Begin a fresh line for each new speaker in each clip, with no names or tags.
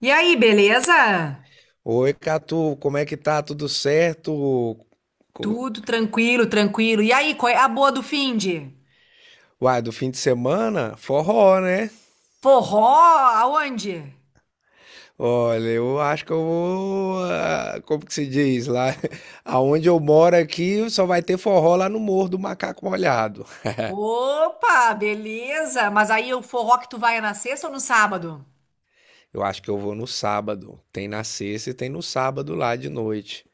E aí, beleza?
Oi, Catu, como é que tá? Tudo certo? Co-
Tudo tranquilo, tranquilo. E aí, qual é a boa do finde?
Uai, do fim de semana? Forró, né?
Forró aonde?
Olha, eu acho que eu vou. Como que se diz? Lá, aonde eu moro aqui, só vai ter forró lá no Morro do Macaco Molhado.
Opa, beleza. Mas aí o forró que tu vai é na sexta ou no sábado?
Eu acho que eu vou no sábado. Tem na sexta e tem no sábado lá de noite.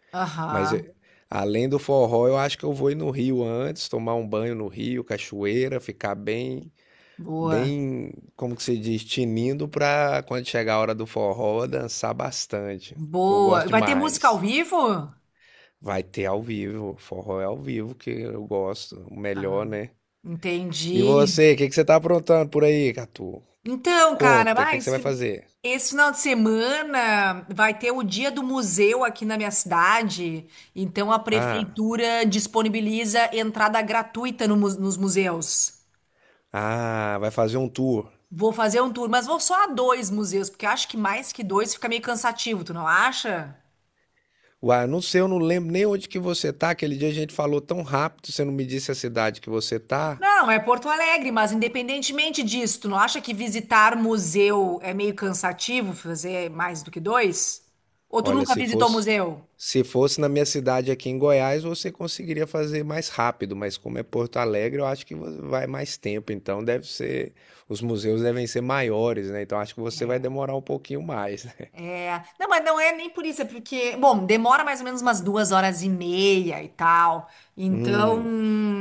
Mas
Aham,
além do forró, eu acho que eu vou ir no Rio antes, tomar um banho no Rio, cachoeira, ficar bem.
boa,
Bem, como que se diz, tinindo pra quando chegar a hora do forró dançar bastante. Eu
boa.
gosto
Vai ter música ao
demais.
vivo?
Vai ter ao vivo, forró é ao vivo que eu gosto, o melhor,
Ah,
né? E
entendi.
você, o que que você tá aprontando por aí, Catu?
Então, cara,
Conta, o que que você
mas
vai fazer?
esse final de semana vai ter o dia do museu aqui na minha cidade. Então, a
Ah,
prefeitura disponibiliza entrada gratuita no mu- nos museus.
vai fazer um tour.
Vou fazer um tour, mas vou só a dois museus, porque acho que mais que dois fica meio cansativo, tu não acha?
Uai, não sei, eu não lembro nem onde que você tá. Aquele dia a gente falou tão rápido, você não me disse a cidade que você tá.
Não, é Porto Alegre, mas independentemente disso, tu não acha que visitar museu é meio cansativo, fazer mais do que dois? Ou tu
Olha,
nunca
se
visitou
fosse
museu?
se fosse na minha cidade aqui em Goiás, você conseguiria fazer mais rápido, mas como é Porto Alegre, eu acho que vai mais tempo, então deve ser, os museus devem ser maiores, né? Então acho que você vai demorar um pouquinho mais, né?
É, não, mas não é nem por isso, é porque, bom, demora mais ou menos umas duas horas e meia e tal. Então,
Hum,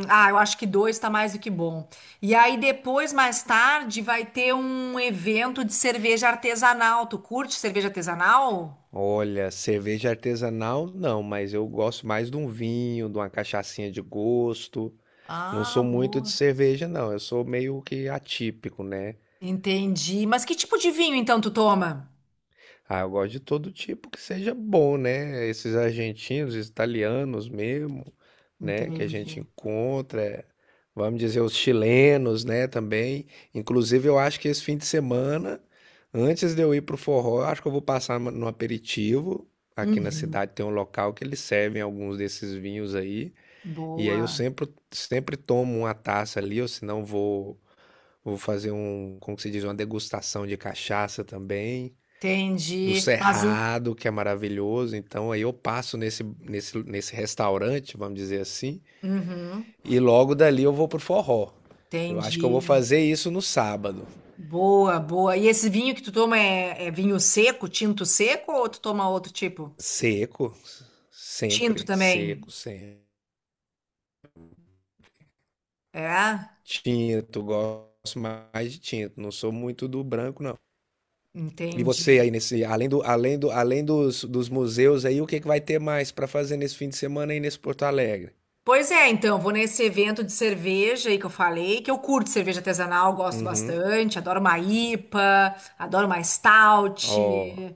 eu acho que dois tá mais do que bom. E aí depois, mais tarde, vai ter um evento de cerveja artesanal. Tu curte cerveja artesanal?
olha, cerveja artesanal não, mas eu gosto mais de um vinho, de uma cachaçinha de gosto. Não sou
Ah,
muito de
boa.
cerveja, não. Eu sou meio que atípico, né?
Entendi. Mas que tipo de vinho então tu toma?
Ah, eu gosto de todo tipo que seja bom, né? Esses argentinos, italianos mesmo, né? Que a gente
Entendi.
encontra, vamos dizer, os chilenos, né? Também. Inclusive, eu acho que esse fim de semana, antes de eu ir pro forró, eu acho que eu vou passar no aperitivo. Aqui na
Uhum.
cidade tem um local que eles servem alguns desses vinhos aí. E aí eu
Boa.
sempre, sempre tomo uma taça ali, ou se não vou, vou fazer um, como que se diz, uma degustação de cachaça também do
Entendi. Mas o.
Cerrado, que é maravilhoso. Então aí eu passo nesse restaurante, vamos dizer assim,
Uhum.
e logo dali eu vou pro forró. Eu acho que eu vou
Entendi.
fazer isso no sábado.
Boa, boa. E esse vinho que tu toma é, é vinho seco, tinto seco, ou tu toma outro tipo?
Seco,
Tinto
sempre, seco,
também.
sempre.
É?
Tinto, gosto mais de tinto, não sou muito do branco, não. E você
Entendi.
aí nesse, além dos, dos museus aí, o que, que vai ter mais para fazer nesse fim de semana aí nesse Porto Alegre?
Pois é, então, vou nesse evento de cerveja aí que eu falei, que eu curto cerveja artesanal, gosto
Uhum.
bastante, adoro uma IPA, adoro uma stout,
Ó,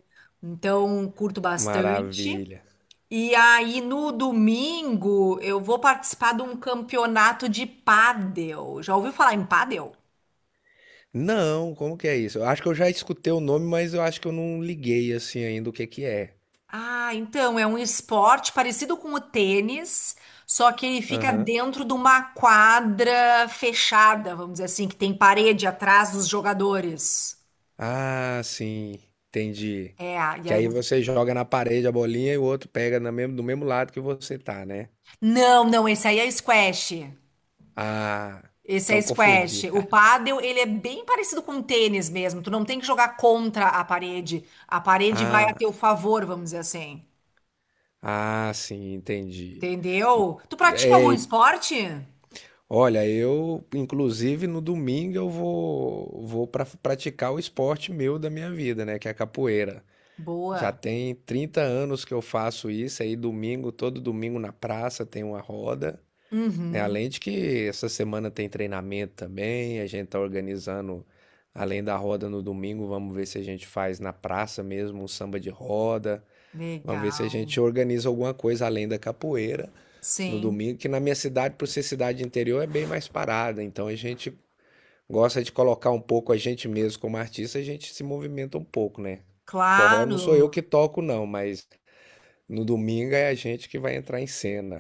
então curto bastante.
maravilha.
E aí no domingo eu vou participar de um campeonato de pádel. Já ouviu falar em pádel?
Não, como que é isso? Eu acho que eu já escutei o nome, mas eu acho que eu não liguei assim ainda o que que é.
Ah, então é um esporte parecido com o tênis, só que ele fica
Aham.
dentro de uma quadra fechada, vamos dizer assim, que tem parede atrás dos jogadores.
Ah, sim, entendi.
É, e
Que
aí...
aí você joga na parede a bolinha e o outro pega na do mesmo lado que você tá, né?
Não, não, esse aí é squash.
Ah,
Esse é
então
squash.
confundi.
O pádel, ele é bem parecido com o tênis mesmo. Tu não tem que jogar contra a parede. A parede vai a
Ah,
teu favor, vamos dizer assim.
sim, entendi.
Entendeu? Tu pratica algum
É,
esporte?
olha, eu, inclusive, no domingo eu vou para praticar o esporte meu da minha vida, né? Que é a capoeira. Já
Boa.
tem 30 anos que eu faço isso, aí domingo, todo domingo na praça tem uma roda, né?
Uhum.
Além de que essa semana tem treinamento também, a gente tá organizando, além da roda no domingo, vamos ver se a gente faz na praça mesmo um samba de roda, vamos ver se a
Legal.
gente organiza alguma coisa além da capoeira no
Sim.
domingo, que na minha cidade, por ser cidade interior, é bem mais parada, então a gente gosta de colocar um pouco a gente mesmo como artista, a gente se movimenta um pouco, né? Forró não sou eu
Claro.
que toco, não, mas no domingo é a gente que vai entrar em cena.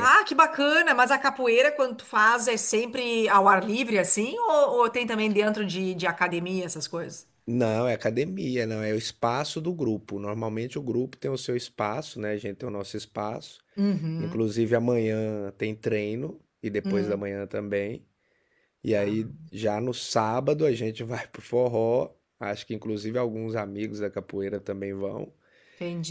Ah, que bacana! Mas a capoeira, quando tu faz, é sempre ao ar livre, assim? Ou, tem também dentro de academia essas coisas?
Não, é academia, não, é o espaço do grupo. Normalmente o grupo tem o seu espaço, né? A gente tem o nosso espaço.
Uhum,
Inclusive amanhã tem treino e depois da
uhum,
manhã também. E aí já no sábado a gente vai pro forró. Acho que inclusive alguns amigos da capoeira também vão.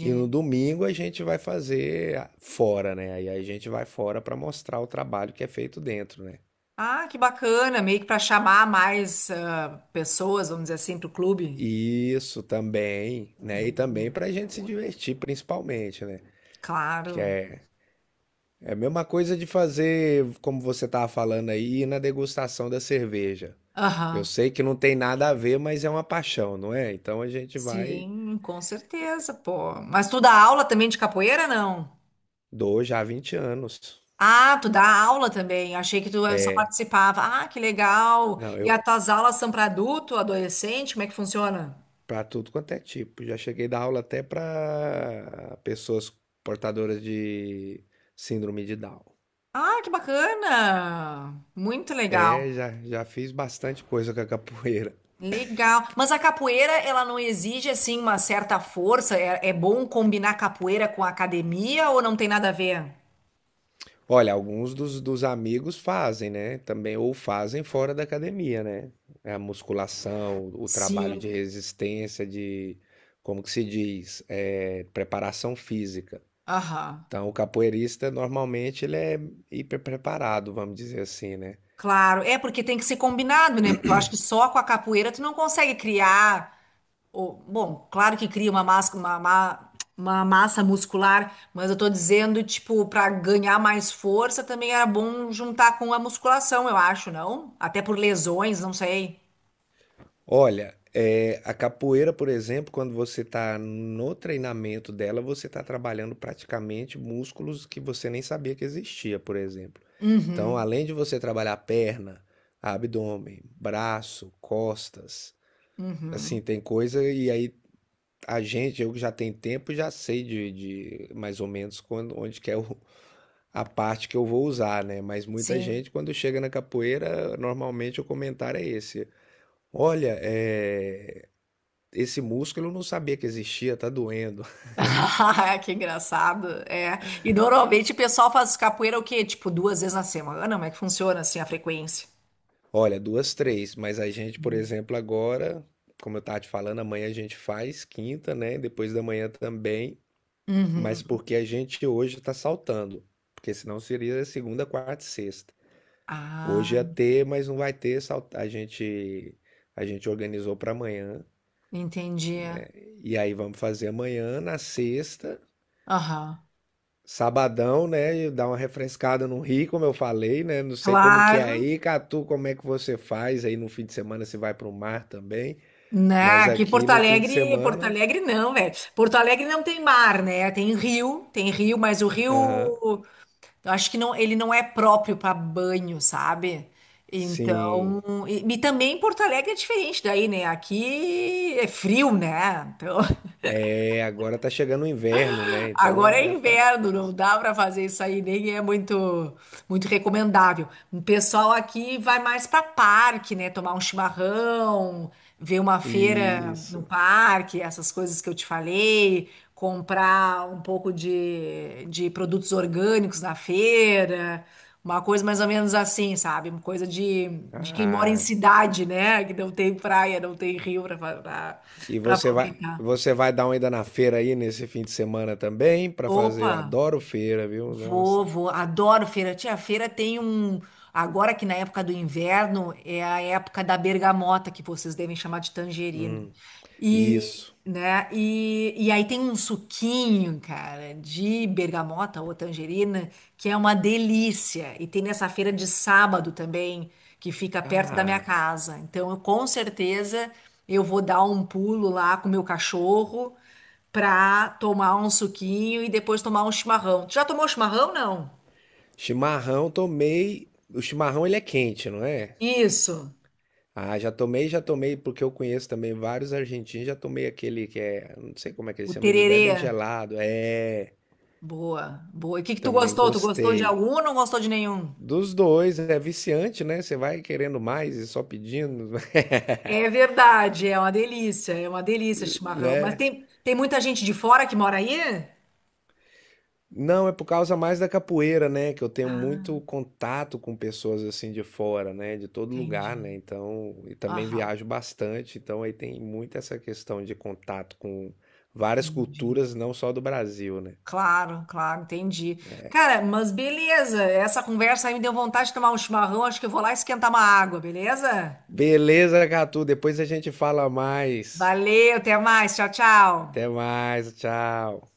E no domingo a gente vai fazer fora, né? Aí a gente vai fora para mostrar o trabalho que é feito dentro, né?
Ah, que bacana! Meio que para chamar mais pessoas, vamos dizer assim, pro clube.
Isso também, né? E também para a gente se divertir, principalmente, né? Que
Claro.
é, é a mesma coisa de fazer, como você estava falando aí, ir na degustação da cerveja. Eu
Aham.
sei que não tem nada a ver, mas é uma paixão, não é? Então a gente vai
Sim, com certeza, pô. Mas tu dá aula também de capoeira, não?
dou já há 20 anos.
Ah, tu dá aula também. Achei que tu só
É,
participava. Ah, que legal.
não,
E
eu
as tuas aulas são para adulto, adolescente? Como é que funciona?
para tudo quanto é tipo. Já cheguei a dar aula até para pessoas portadoras de síndrome de Down.
Ah, que bacana. Muito legal.
É, já, já fiz bastante coisa com a capoeira.
Legal. Mas a capoeira, ela não exige assim uma certa força? É, é bom combinar capoeira com academia ou não tem nada a ver?
Olha, alguns dos amigos fazem, né? Também, ou fazem fora da academia, né? É A musculação, o trabalho
Sim.
de resistência, de, como que se diz? É, preparação física.
Aham.
Então, o capoeirista, normalmente, ele é hiper preparado, vamos dizer assim, né?
Claro. É porque tem que ser combinado, né? Porque eu acho que só com a capoeira tu não consegue criar bom, claro que cria uma massa, uma massa muscular, mas eu tô dizendo, tipo, para ganhar mais força também era bom juntar com a musculação, eu acho, não? Até por lesões, não sei.
Olha, é, a capoeira, por exemplo, quando você está no treinamento dela, você está trabalhando praticamente músculos que você nem sabia que existia, por exemplo. Então,
Uhum,
além de você trabalhar perna, abdômen, braço, costas, assim,
uhum,
tem coisa e aí a gente, eu que já tenho tempo, já sei de mais ou menos quando, onde que é a parte que eu vou usar, né? Mas muita
sim.
gente, quando chega na capoeira, normalmente o comentário é esse. Olha, é, esse músculo eu não sabia que existia, tá doendo.
Que engraçado, é. E normalmente o pessoal faz capoeira o quê? Tipo, duas vezes na semana? Como é que funciona, assim, a frequência?
Olha, duas, três, mas a gente, por exemplo, agora, como eu estava te falando, amanhã a gente faz quinta, né? Depois da manhã também. Mas
Uhum.
porque a gente hoje está saltando. Porque senão seria segunda, quarta e sexta. Hoje
Ah,
ia ter, mas não vai ter. A gente organizou para amanhã.
entendi.
E aí vamos fazer amanhã, na sexta,
Aham.
sabadão, né? E dar uma refrescada no Rio, como eu falei, né? Não sei como que é
Claro.
aí, Catu, como é que você faz? Aí no fim de semana você vai para o mar também.
Não,
Mas
aqui
aqui
Porto
no fim de
Alegre, Porto
semana.
Alegre não, velho. Porto Alegre não tem mar, né? Tem rio, mas
Aham,
eu acho que não, ele não é próprio para banho, sabe?
sim.
Então, e também Porto Alegre é diferente daí, né? Aqui é frio, né? Então,
É, agora tá chegando o inverno, né?
Agora
Então
é
deve estar.
inverno, não dá para fazer isso aí, nem é muito recomendável. O pessoal aqui vai mais para parque, né? Tomar um chimarrão, ver uma feira no
Isso.
parque, essas coisas que eu te falei, comprar um pouco de produtos orgânicos na feira, uma coisa mais ou menos assim, sabe? Uma coisa de quem mora em
Ah,
cidade, né? Que não tem praia, não tem rio para
e
aproveitar.
você vai dar uma ida na feira aí nesse fim de semana também para fazer. Eu
Opa!
adoro feira, viu?
Vou,
Nossa.
vou, adoro feira. Tia, a feira tem um. Agora que na época do inverno é a época da bergamota, que vocês devem chamar de tangerina.
Hum,
E,
isso.
né? E aí tem um suquinho, cara, de bergamota ou tangerina, que é uma delícia. E tem nessa feira de sábado também, que fica perto da minha
Ah,
casa. Então, eu, com certeza, eu vou dar um pulo lá com o meu cachorro pra tomar um suquinho e depois tomar um chimarrão. Tu já tomou chimarrão, não?
chimarrão tomei. O chimarrão ele é quente, não é?
Isso,
Ah, já tomei, porque eu conheço também vários argentinos. Já tomei aquele que é, não sei como é que
o
eles chamam, eles
tererê.
bebem gelado. É,
Boa, boa. E o que que tu
também
gostou? Tu gostou de
gostei.
algum ou não gostou de nenhum?
Dos dois, é viciante, né? Você vai querendo mais e só pedindo,
É verdade, é uma delícia chimarrão. Mas
né?
tem muita gente de fora que mora aí?
Não, é por causa mais da capoeira, né? Que eu tenho
Ah,
muito contato com pessoas assim de fora, né? De todo lugar,
entendi.
né? Então, e também
Aham,
viajo bastante, então aí tem muito essa questão de contato com várias
entendi.
culturas, não só do Brasil, né?
Claro, claro, entendi. Cara, mas beleza, essa conversa aí me deu vontade de tomar um chimarrão, acho que eu vou lá esquentar uma água, beleza?
Beleza, Gatu, depois a gente fala mais.
Valeu, até mais, tchau,
Até
tchau.
mais, tchau.